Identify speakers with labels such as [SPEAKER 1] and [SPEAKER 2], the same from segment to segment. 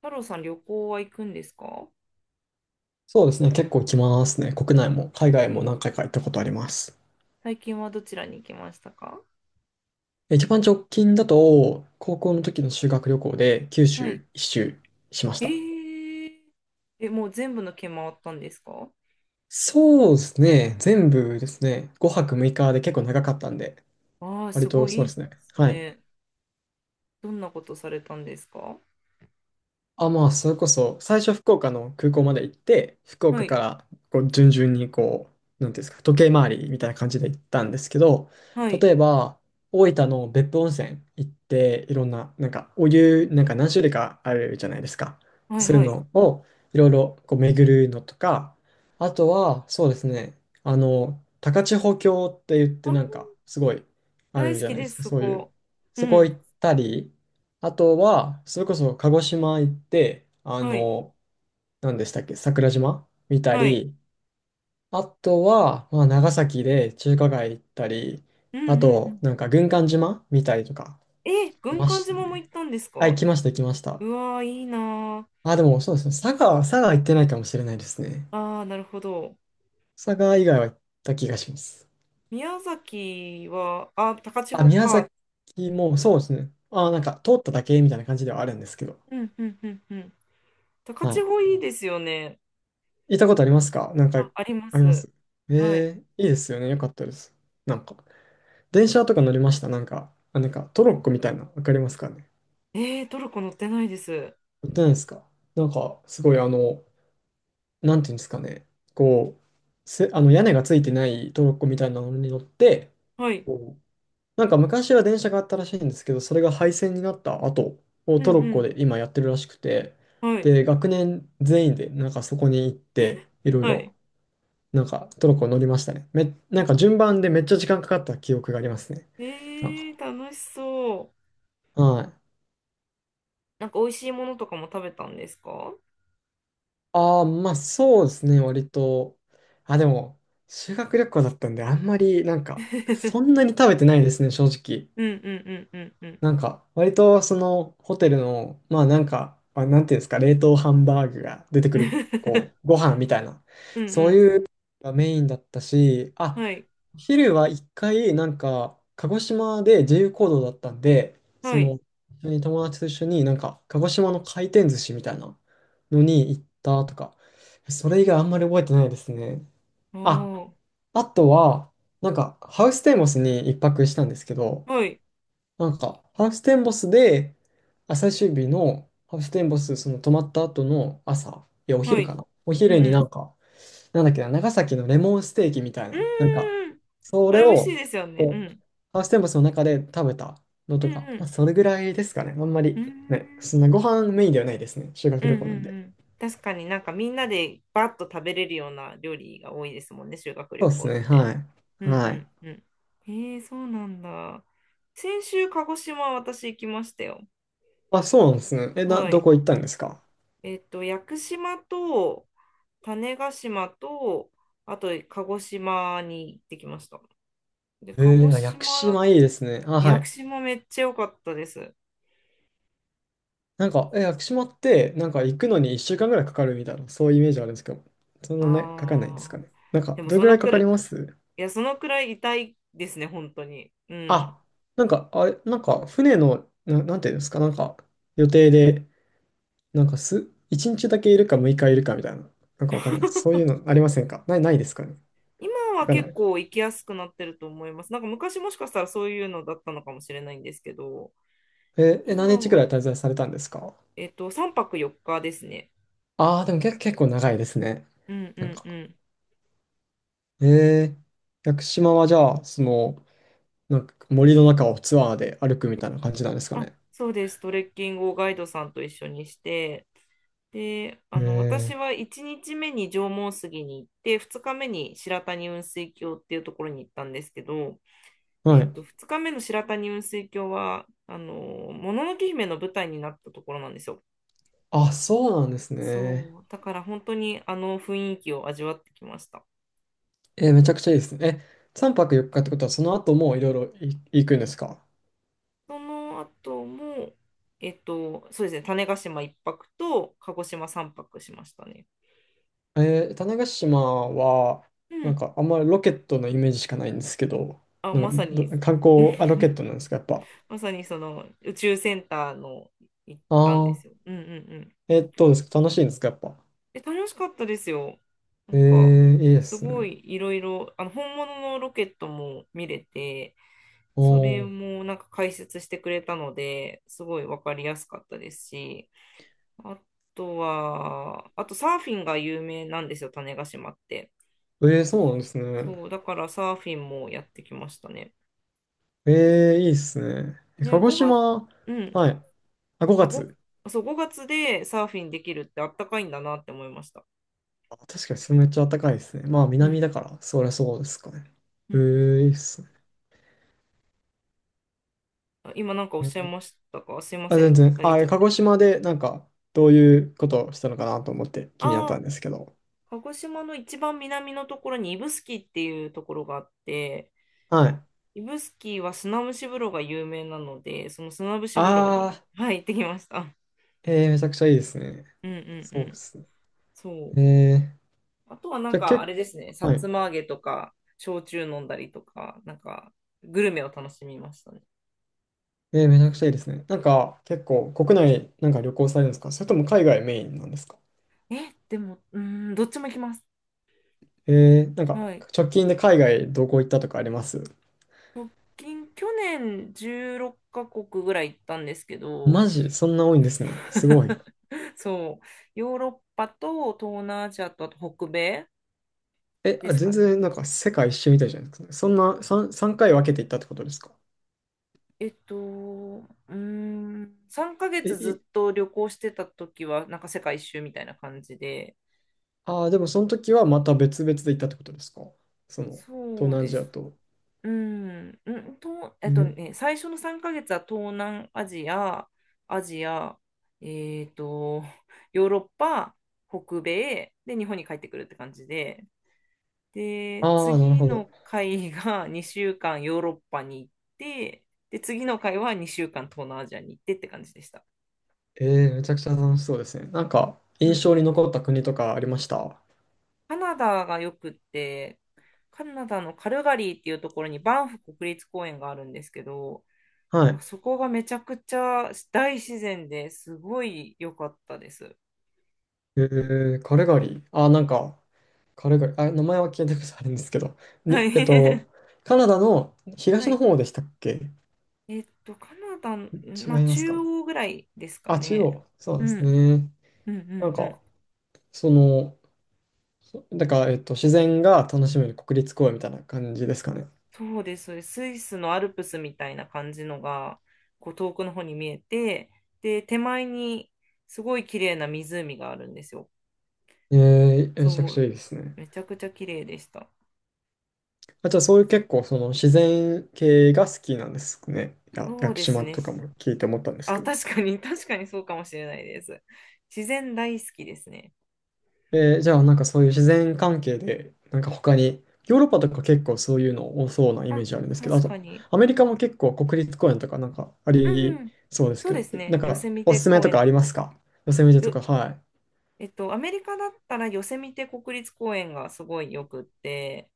[SPEAKER 1] 太郎さん、旅行は行くんですか？
[SPEAKER 2] そうですね、結構来ますね。国内も海外も何回か行ったことあります。
[SPEAKER 1] 最近はどちらに行きましたか？
[SPEAKER 2] 一番直近だと、高校の時の修学旅行で九
[SPEAKER 1] はい。
[SPEAKER 2] 州一周しまし
[SPEAKER 1] え
[SPEAKER 2] た。
[SPEAKER 1] ー、え、もう全部の県回ったんですか？
[SPEAKER 2] そうですね、全部ですね、5泊6日で結構長かったんで、
[SPEAKER 1] ああー、
[SPEAKER 2] 割
[SPEAKER 1] す
[SPEAKER 2] と
[SPEAKER 1] ごい
[SPEAKER 2] そう
[SPEAKER 1] いい
[SPEAKER 2] で
[SPEAKER 1] で
[SPEAKER 2] すね。
[SPEAKER 1] す
[SPEAKER 2] はい。
[SPEAKER 1] ね。どんなことされたんですか？
[SPEAKER 2] あ、まあ、それこそ、最初福岡の空港まで行って、福
[SPEAKER 1] は
[SPEAKER 2] 岡
[SPEAKER 1] い、
[SPEAKER 2] からこう順々にこう、なんていうんですか、時計回りみたいな感じで行ったんですけど、
[SPEAKER 1] はい、
[SPEAKER 2] 例えば、大分の別府温泉行って、いろんな、なんかお湯、なんか何種類かあるじゃないですか。
[SPEAKER 1] はい、
[SPEAKER 2] そういう
[SPEAKER 1] はい。
[SPEAKER 2] のをいろいろこう巡るのとか、あとは、そうですね、高千穂峡って言っ
[SPEAKER 1] あ、
[SPEAKER 2] て、なんか、すごいあ
[SPEAKER 1] 大
[SPEAKER 2] る
[SPEAKER 1] 好
[SPEAKER 2] じゃ
[SPEAKER 1] き
[SPEAKER 2] ないで
[SPEAKER 1] で
[SPEAKER 2] す
[SPEAKER 1] す、
[SPEAKER 2] か、
[SPEAKER 1] そ
[SPEAKER 2] そういう。
[SPEAKER 1] こ。う
[SPEAKER 2] そこ行
[SPEAKER 1] ん、
[SPEAKER 2] ったり、あとは、それこそ鹿児島行って、
[SPEAKER 1] はい、
[SPEAKER 2] 何でしたっけ、桜島見た
[SPEAKER 1] はい。
[SPEAKER 2] り、あとは、まあ、長崎で中華街行ったり、
[SPEAKER 1] うん、う
[SPEAKER 2] あ
[SPEAKER 1] ん、う
[SPEAKER 2] と、
[SPEAKER 1] ん。
[SPEAKER 2] なんか軍艦島見たりとか、
[SPEAKER 1] え、
[SPEAKER 2] い
[SPEAKER 1] 軍
[SPEAKER 2] ま
[SPEAKER 1] 艦
[SPEAKER 2] した
[SPEAKER 1] 島も行っ
[SPEAKER 2] ね。
[SPEAKER 1] たんです
[SPEAKER 2] あ、行
[SPEAKER 1] か？
[SPEAKER 2] きました、行きました。
[SPEAKER 1] うわー、いいなー。
[SPEAKER 2] あ、でもそうですね、佐賀行ってないかもしれないですね。
[SPEAKER 1] ああ、なるほど。
[SPEAKER 2] 佐賀以外は行った気がします。
[SPEAKER 1] 宮崎は、あ、高千
[SPEAKER 2] あ、
[SPEAKER 1] 穂
[SPEAKER 2] 宮
[SPEAKER 1] か。
[SPEAKER 2] 崎もそうですね。あ、なんか通っただけみたいな感じではあるんですけど。
[SPEAKER 1] うん、うん、うん、うん。高
[SPEAKER 2] は
[SPEAKER 1] 千穂
[SPEAKER 2] い。
[SPEAKER 1] いいですよね。
[SPEAKER 2] 行ったことありますか、なんか？
[SPEAKER 1] あ、ありま
[SPEAKER 2] ありま
[SPEAKER 1] す。
[SPEAKER 2] す？
[SPEAKER 1] はい。
[SPEAKER 2] ええ、いいですよね。よかったです。なんか、電車とか乗りました、なんか？あ、なんかトロッコみたいな、わかりますかね？
[SPEAKER 1] トルコ乗ってないです。
[SPEAKER 2] 乗ってないですか？なんか、すごいなんていうんですかね。こう、屋根がついてないトロッコみたいなのに乗って、
[SPEAKER 1] はい。
[SPEAKER 2] こうなんか昔は電車があったらしいんですけど、それが廃線になった後を
[SPEAKER 1] う
[SPEAKER 2] ト
[SPEAKER 1] ん
[SPEAKER 2] ロッ
[SPEAKER 1] う
[SPEAKER 2] コ
[SPEAKER 1] ん。
[SPEAKER 2] で今やってるらしくて、
[SPEAKER 1] はい。
[SPEAKER 2] で、学年全員でなんかそこに行って、いろい
[SPEAKER 1] はい。
[SPEAKER 2] ろなんかトルコ乗りましたね。なんか順番でめっちゃ時間かかった記憶がありますね。なんか。
[SPEAKER 1] えー、楽しそう。
[SPEAKER 2] はい。
[SPEAKER 1] なんか美味しいものとかも食べたんですか？
[SPEAKER 2] ああ、まあそうですね、割と。あ、でも、修学旅行だったんで、あんまりなんか、そんなに食べてないですね、正直。
[SPEAKER 1] うんうんうんうんうん。
[SPEAKER 2] なんか、割とそのホテルの、まあなんか、あ、なんていうんですか、冷凍ハンバーグが出てくる、こう、ご飯みたいな、
[SPEAKER 1] うん
[SPEAKER 2] そう
[SPEAKER 1] う
[SPEAKER 2] いうがメインだったし、
[SPEAKER 1] ん。
[SPEAKER 2] あ、
[SPEAKER 1] はい。
[SPEAKER 2] 昼は一回、なんか、鹿児島で自由行動だったんで、そ
[SPEAKER 1] はい。
[SPEAKER 2] の、一緒に友達と一緒に、なんか、鹿児島の回転寿司みたいなのに行ったとか、それ以外あんまり覚えてないですね。
[SPEAKER 1] あ
[SPEAKER 2] あ、
[SPEAKER 1] ー。
[SPEAKER 2] あとは、なんか、ハウステンボスに一泊したんですけど、
[SPEAKER 1] はい。
[SPEAKER 2] なんか、ハウステンボスで、あ最終日のハウステンボス、その泊まった後の朝、いや、お
[SPEAKER 1] は
[SPEAKER 2] 昼か
[SPEAKER 1] い。
[SPEAKER 2] な。お
[SPEAKER 1] うん
[SPEAKER 2] 昼
[SPEAKER 1] う
[SPEAKER 2] にな
[SPEAKER 1] ん。
[SPEAKER 2] んか、なんだっけな、長崎のレモンステーキみたい
[SPEAKER 1] うー
[SPEAKER 2] な、なんか、
[SPEAKER 1] ん。
[SPEAKER 2] そ
[SPEAKER 1] あ
[SPEAKER 2] れ
[SPEAKER 1] れ美味し
[SPEAKER 2] を、
[SPEAKER 1] いですよね。
[SPEAKER 2] こ
[SPEAKER 1] う
[SPEAKER 2] う、
[SPEAKER 1] ん。
[SPEAKER 2] ハウステンボスの中で食べたの
[SPEAKER 1] う
[SPEAKER 2] と
[SPEAKER 1] ん
[SPEAKER 2] か、
[SPEAKER 1] う
[SPEAKER 2] ま
[SPEAKER 1] ん。
[SPEAKER 2] あ、それぐらいですかね。あんま
[SPEAKER 1] うー
[SPEAKER 2] り、
[SPEAKER 1] ん。
[SPEAKER 2] ね、そんなご飯メインではないですね。修
[SPEAKER 1] う
[SPEAKER 2] 学
[SPEAKER 1] ん
[SPEAKER 2] 旅
[SPEAKER 1] う
[SPEAKER 2] 行
[SPEAKER 1] んう
[SPEAKER 2] なんで。
[SPEAKER 1] ん。確かになんかみんなでバッと食べれるような料理が多いですもんね、修学
[SPEAKER 2] そ
[SPEAKER 1] 旅
[SPEAKER 2] うで
[SPEAKER 1] 行
[SPEAKER 2] す
[SPEAKER 1] っ
[SPEAKER 2] ね、
[SPEAKER 1] て。
[SPEAKER 2] は
[SPEAKER 1] う
[SPEAKER 2] い。
[SPEAKER 1] ん
[SPEAKER 2] は
[SPEAKER 1] う
[SPEAKER 2] い。
[SPEAKER 1] んうん。えー、そうなんだ。先週、鹿児島私行きましたよ。
[SPEAKER 2] あ、そうなんですね。
[SPEAKER 1] は
[SPEAKER 2] ど
[SPEAKER 1] い。
[SPEAKER 2] こ行ったんですか？
[SPEAKER 1] 屋久島と種子島と、あと鹿児島に行ってきました。で、鹿児
[SPEAKER 2] あ、屋久
[SPEAKER 1] 島だ、
[SPEAKER 2] 島いいですね。あ、は
[SPEAKER 1] 屋久
[SPEAKER 2] い。
[SPEAKER 1] 島めっちゃ良かったです。
[SPEAKER 2] なんか、
[SPEAKER 1] い
[SPEAKER 2] 屋久島って、なんか行くのに1週間ぐらいかかるみたいな、そういうイメージあるんですけど、そんなね、かかんないんです
[SPEAKER 1] あ
[SPEAKER 2] か
[SPEAKER 1] ー、
[SPEAKER 2] ね。なん
[SPEAKER 1] で
[SPEAKER 2] か、
[SPEAKER 1] も
[SPEAKER 2] どれ
[SPEAKER 1] そ
[SPEAKER 2] ぐら
[SPEAKER 1] の
[SPEAKER 2] いか
[SPEAKER 1] く
[SPEAKER 2] か
[SPEAKER 1] らい、
[SPEAKER 2] ります？
[SPEAKER 1] いや、そのくらい痛いですね、本当に。うん。
[SPEAKER 2] あ、なんか、あれ、なんか、船の、なんていうんですか、なんか、予定で、なんか、1日だけいるか6日いるかみたいな、なんかわかんないです。そういうのありませんか、ないですかね？
[SPEAKER 1] 今
[SPEAKER 2] わ
[SPEAKER 1] は
[SPEAKER 2] かんな
[SPEAKER 1] 結
[SPEAKER 2] い。
[SPEAKER 1] 構行きやすくなってると思います。なんか昔もしかしたらそういうのだったのかもしれないんですけど、
[SPEAKER 2] 何
[SPEAKER 1] 今
[SPEAKER 2] 日くら
[SPEAKER 1] は、
[SPEAKER 2] い滞在されたんですか？
[SPEAKER 1] 3泊4日ですね。
[SPEAKER 2] ああー、でも結構長いですね。
[SPEAKER 1] うんう
[SPEAKER 2] なん
[SPEAKER 1] んう
[SPEAKER 2] か、
[SPEAKER 1] ん。
[SPEAKER 2] え屋久島はじゃあ、その、なんか森の中をツアーで歩くみたいな感じなんですか
[SPEAKER 1] あ、
[SPEAKER 2] ね。
[SPEAKER 1] そうです。トレッキングをガイドさんと一緒にして、で、私は
[SPEAKER 2] え
[SPEAKER 1] 1日目に縄文杉に行って、2日目に白谷雲水峡っていうところに行ったんですけど、
[SPEAKER 2] はい。
[SPEAKER 1] 2日目の白谷雲水峡は、もののけ姫の舞台になったところなんですよ。
[SPEAKER 2] あ、そうなんですね。
[SPEAKER 1] そう、だから本当にあの雰囲気を味わってきました。
[SPEAKER 2] めちゃくちゃいいですね。3泊4日っかってことは、その後もいろいろ行くんですか？
[SPEAKER 1] その後も、そうですね、種子島一泊と鹿児島三泊しましたね。
[SPEAKER 2] 種子島は、
[SPEAKER 1] う
[SPEAKER 2] なん
[SPEAKER 1] ん。
[SPEAKER 2] かあんまりロケットのイメージしかないんですけど、
[SPEAKER 1] あ、
[SPEAKER 2] な
[SPEAKER 1] まさ
[SPEAKER 2] んか
[SPEAKER 1] に、
[SPEAKER 2] 観光、あ、ロケットなんですか、やっぱ。
[SPEAKER 1] まさにその宇宙センターの行ったん
[SPEAKER 2] あ
[SPEAKER 1] で
[SPEAKER 2] あ、
[SPEAKER 1] すよ。うんうんうん。
[SPEAKER 2] どうですか、楽しいんですか、やっぱ。
[SPEAKER 1] え、楽しかったですよ。なんか、
[SPEAKER 2] いいで
[SPEAKER 1] す
[SPEAKER 2] す
[SPEAKER 1] ご
[SPEAKER 2] ね。
[SPEAKER 1] いいろいろ、本物のロケットも見れて、
[SPEAKER 2] お
[SPEAKER 1] それ
[SPEAKER 2] ー、
[SPEAKER 1] もなんか解説してくれたので、すごいわかりやすかったですし、あとは、あとサーフィンが有名なんですよ、種子島って。
[SPEAKER 2] そうなんですね。
[SPEAKER 1] そう、だからサーフィンもやってきましたね。
[SPEAKER 2] いいですね。
[SPEAKER 1] ね、
[SPEAKER 2] 鹿児
[SPEAKER 1] 5月、
[SPEAKER 2] 島、
[SPEAKER 1] うん、
[SPEAKER 2] はい。あ、
[SPEAKER 1] あ、
[SPEAKER 2] 5
[SPEAKER 1] ご
[SPEAKER 2] 月。
[SPEAKER 1] そう、5月でサーフィンできるってあったかいんだなって思いました。
[SPEAKER 2] あ、確かにそれめっちゃ暖かいですね。まあ、
[SPEAKER 1] う
[SPEAKER 2] 南
[SPEAKER 1] ん。
[SPEAKER 2] だから、そりゃそうですかね。
[SPEAKER 1] うんうん。
[SPEAKER 2] いいっすね。
[SPEAKER 1] あ、今なんかおっしゃいましたか？すいま
[SPEAKER 2] あ、
[SPEAKER 1] せ
[SPEAKER 2] 全
[SPEAKER 1] ん、
[SPEAKER 2] 然。
[SPEAKER 1] 下げ
[SPEAKER 2] あ、
[SPEAKER 1] ちゃっ
[SPEAKER 2] 鹿
[SPEAKER 1] て。
[SPEAKER 2] 児島でなんか、どういうことをしたのかなと思って気になっ
[SPEAKER 1] あ
[SPEAKER 2] たん
[SPEAKER 1] あ、
[SPEAKER 2] ですけど。
[SPEAKER 1] 鹿児島の一番南のところに指宿っていうところがあって、
[SPEAKER 2] はい。
[SPEAKER 1] 指宿は砂蒸し風呂が有名なので、その砂蒸し風
[SPEAKER 2] あ
[SPEAKER 1] 呂に、はい、行ってきました。
[SPEAKER 2] ー、めちゃくちゃいいですね。
[SPEAKER 1] うんうんう
[SPEAKER 2] そうで
[SPEAKER 1] ん。
[SPEAKER 2] すね。
[SPEAKER 1] そう。
[SPEAKER 2] えー、
[SPEAKER 1] あとはな
[SPEAKER 2] じ
[SPEAKER 1] ん
[SPEAKER 2] ゃあ、
[SPEAKER 1] かあれですね、さ
[SPEAKER 2] はい。
[SPEAKER 1] つま揚げとか、焼酎飲んだりとか、なんかグルメを楽しみましたね。
[SPEAKER 2] めちゃくちゃいいですね。なんか、結構、国内なんか旅行されるんですか？それとも海外メインなんですか？
[SPEAKER 1] え、でも、うーん、どっちも行きます。
[SPEAKER 2] なんか、
[SPEAKER 1] はい。
[SPEAKER 2] 直近で海外どこ行ったとかあります？
[SPEAKER 1] 直近、去年16カ国ぐらい行ったんですけど、
[SPEAKER 2] マジ、そんな多いんですね。すごい。
[SPEAKER 1] そう、ヨーロッパと東南アジアとあと北米で
[SPEAKER 2] あ、
[SPEAKER 1] す
[SPEAKER 2] 全
[SPEAKER 1] かね。
[SPEAKER 2] 然なんか世界一周みたいじゃないですかね。そんな3、三回分けて行ったってことですか？
[SPEAKER 1] うーん、3ヶ月
[SPEAKER 2] え、
[SPEAKER 1] ずっと旅行してた時は、なんか世界一周みたいな感じで、
[SPEAKER 2] ああ、でもその時はまた別々で行ったってことですか？その、東
[SPEAKER 1] そう
[SPEAKER 2] 南ア
[SPEAKER 1] で
[SPEAKER 2] ジア
[SPEAKER 1] す。
[SPEAKER 2] と。
[SPEAKER 1] うん、
[SPEAKER 2] え、
[SPEAKER 1] 最初の3ヶ月は東南アジア、アジア、えっと、ヨーロッパ、北米、で、日本に帰ってくるって感じで、で、
[SPEAKER 2] ああ、なる
[SPEAKER 1] 次
[SPEAKER 2] ほど。
[SPEAKER 1] の回が2週間ヨーロッパに行って、で、次の回は2週間東南アジアに行ってって感じでした。
[SPEAKER 2] ええ、めちゃくちゃ楽しそうですね。なんか、
[SPEAKER 1] う
[SPEAKER 2] 印
[SPEAKER 1] ん。
[SPEAKER 2] 象に残った国とかありました？
[SPEAKER 1] カナダがよくって、カナダのカルガリーっていうところにバンフ国立公園があるんですけど、
[SPEAKER 2] は
[SPEAKER 1] なんか
[SPEAKER 2] い。
[SPEAKER 1] そこがめちゃくちゃ大自然ですごい良かったです。
[SPEAKER 2] えカルガリー。あーなんか、カルガリー。あ、名前は聞いたことあるんですけど。
[SPEAKER 1] は
[SPEAKER 2] に、えっ
[SPEAKER 1] い。
[SPEAKER 2] と、カナダの 東
[SPEAKER 1] は
[SPEAKER 2] の
[SPEAKER 1] い。
[SPEAKER 2] 方でしたっけ？
[SPEAKER 1] カナダの、
[SPEAKER 2] 違
[SPEAKER 1] まあ、
[SPEAKER 2] います
[SPEAKER 1] 中
[SPEAKER 2] か？
[SPEAKER 1] 央ぐらいですか
[SPEAKER 2] あ、中
[SPEAKER 1] ね。
[SPEAKER 2] 央。そう
[SPEAKER 1] う
[SPEAKER 2] です
[SPEAKER 1] ん。
[SPEAKER 2] ね。
[SPEAKER 1] うんう
[SPEAKER 2] なん
[SPEAKER 1] んうん。
[SPEAKER 2] か、その、そなんか、えっと、自然が楽しめる国立公園みたいな感じですかね。
[SPEAKER 1] そうです。そうです、スイスのアルプスみたいな感じのが、こう遠くの方に見えて、で、手前にすごい綺麗な湖があるんですよ。
[SPEAKER 2] めちゃく
[SPEAKER 1] そ
[SPEAKER 2] ち
[SPEAKER 1] う。
[SPEAKER 2] ゃいいですね。
[SPEAKER 1] めちゃくちゃ綺麗でした。
[SPEAKER 2] あ、じゃあそういう結構その自然系が好きなんですね。いや、
[SPEAKER 1] そ
[SPEAKER 2] 屋
[SPEAKER 1] う
[SPEAKER 2] 久
[SPEAKER 1] です
[SPEAKER 2] 島
[SPEAKER 1] ね。
[SPEAKER 2] とかも聞いて思ったんです
[SPEAKER 1] あ、
[SPEAKER 2] けど。
[SPEAKER 1] 確かに、確かにそうかもしれないです。自然大好きですね。
[SPEAKER 2] じゃあなんかそういう自然関係で、なんか他に、ヨーロッパとか結構そういうの多そうなイメ
[SPEAKER 1] あ、
[SPEAKER 2] ージあるんですけど、あ
[SPEAKER 1] 確か
[SPEAKER 2] と
[SPEAKER 1] に。
[SPEAKER 2] アメリカも結構国立公園とかなんかあ
[SPEAKER 1] うんう
[SPEAKER 2] り
[SPEAKER 1] ん。
[SPEAKER 2] そうです
[SPEAKER 1] そう
[SPEAKER 2] け
[SPEAKER 1] で
[SPEAKER 2] ど、
[SPEAKER 1] す
[SPEAKER 2] な
[SPEAKER 1] ね。
[SPEAKER 2] ん
[SPEAKER 1] ヨセ
[SPEAKER 2] か
[SPEAKER 1] ミ
[SPEAKER 2] お
[SPEAKER 1] テ
[SPEAKER 2] すすめ
[SPEAKER 1] 公
[SPEAKER 2] とか
[SPEAKER 1] 園。
[SPEAKER 2] ありますか？ヨセミテと
[SPEAKER 1] よ、
[SPEAKER 2] か、はい。
[SPEAKER 1] えっと、アメリカだったらヨセミテ国立公園がすごいよくって、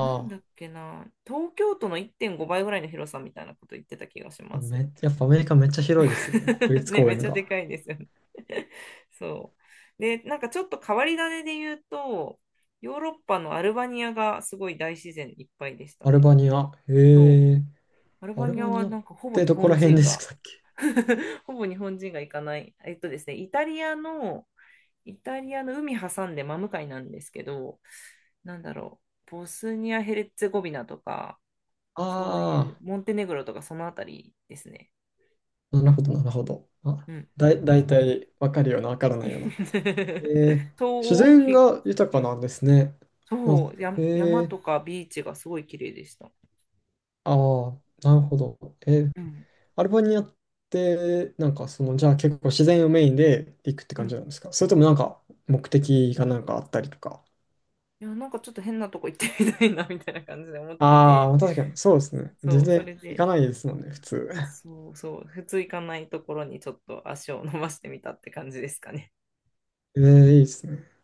[SPEAKER 1] なんだっけな、東京都の1.5倍ぐらいの広さみたいなこと言ってた気がし
[SPEAKER 2] あ、
[SPEAKER 1] ます。
[SPEAKER 2] やっぱアメリカめっちゃ広いですよね、国 立
[SPEAKER 1] ね、
[SPEAKER 2] 公
[SPEAKER 1] めっ
[SPEAKER 2] 園
[SPEAKER 1] ちゃで
[SPEAKER 2] が。
[SPEAKER 1] かいですよね。そう。で、なんかちょっと変わり種で言うと、ヨーロッパのアルバニアがすごい大自然いっぱいでした
[SPEAKER 2] アル
[SPEAKER 1] ね。
[SPEAKER 2] バニア。
[SPEAKER 1] そう。
[SPEAKER 2] へえ。
[SPEAKER 1] アル
[SPEAKER 2] ア
[SPEAKER 1] バ
[SPEAKER 2] ル
[SPEAKER 1] ニア
[SPEAKER 2] バニ
[SPEAKER 1] は
[SPEAKER 2] ア
[SPEAKER 1] な
[SPEAKER 2] っ
[SPEAKER 1] んかほぼ
[SPEAKER 2] て
[SPEAKER 1] 日
[SPEAKER 2] どこら
[SPEAKER 1] 本
[SPEAKER 2] 辺
[SPEAKER 1] 人
[SPEAKER 2] でし
[SPEAKER 1] が
[SPEAKER 2] たっけ？
[SPEAKER 1] ほぼ日本人が行かない。えっとですね、イタリアの海挟んで真向かいなんですけど、なんだろう、ボスニア・ヘレッツェゴビナとか、そういう、
[SPEAKER 2] あ
[SPEAKER 1] モンテネグロとかそのあたりですね。
[SPEAKER 2] あー、なるほど、なるほど。あ、
[SPEAKER 1] うんうん。
[SPEAKER 2] だいたいわかるような、わからないような。
[SPEAKER 1] 東
[SPEAKER 2] えー、自
[SPEAKER 1] 欧、
[SPEAKER 2] 然
[SPEAKER 1] ひ
[SPEAKER 2] が豊
[SPEAKER 1] う
[SPEAKER 2] か
[SPEAKER 1] ん、
[SPEAKER 2] なんですね。な
[SPEAKER 1] そ
[SPEAKER 2] ん
[SPEAKER 1] う、
[SPEAKER 2] か、
[SPEAKER 1] や、山とかビーチがすごい綺麗でした。
[SPEAKER 2] ああ、なるほど。
[SPEAKER 1] うん。
[SPEAKER 2] アルバニアって、なんかその、じゃあ結構自然をメインで行くって
[SPEAKER 1] う
[SPEAKER 2] 感じ
[SPEAKER 1] ん。
[SPEAKER 2] なんですか？それともなんか目的がなんかあったりとか。
[SPEAKER 1] いや、なんかちょっと変なとこ行ってみたいな、みたいな感じで思って
[SPEAKER 2] あ
[SPEAKER 1] て、
[SPEAKER 2] あ、確かに、そうですね。全
[SPEAKER 1] そう、そ
[SPEAKER 2] 然
[SPEAKER 1] れ
[SPEAKER 2] 行か
[SPEAKER 1] で。
[SPEAKER 2] ないですもんね、普通。
[SPEAKER 1] そうそう、普通行かないところにちょっと足を伸ばしてみたって感じですかね。
[SPEAKER 2] えー、いいですね。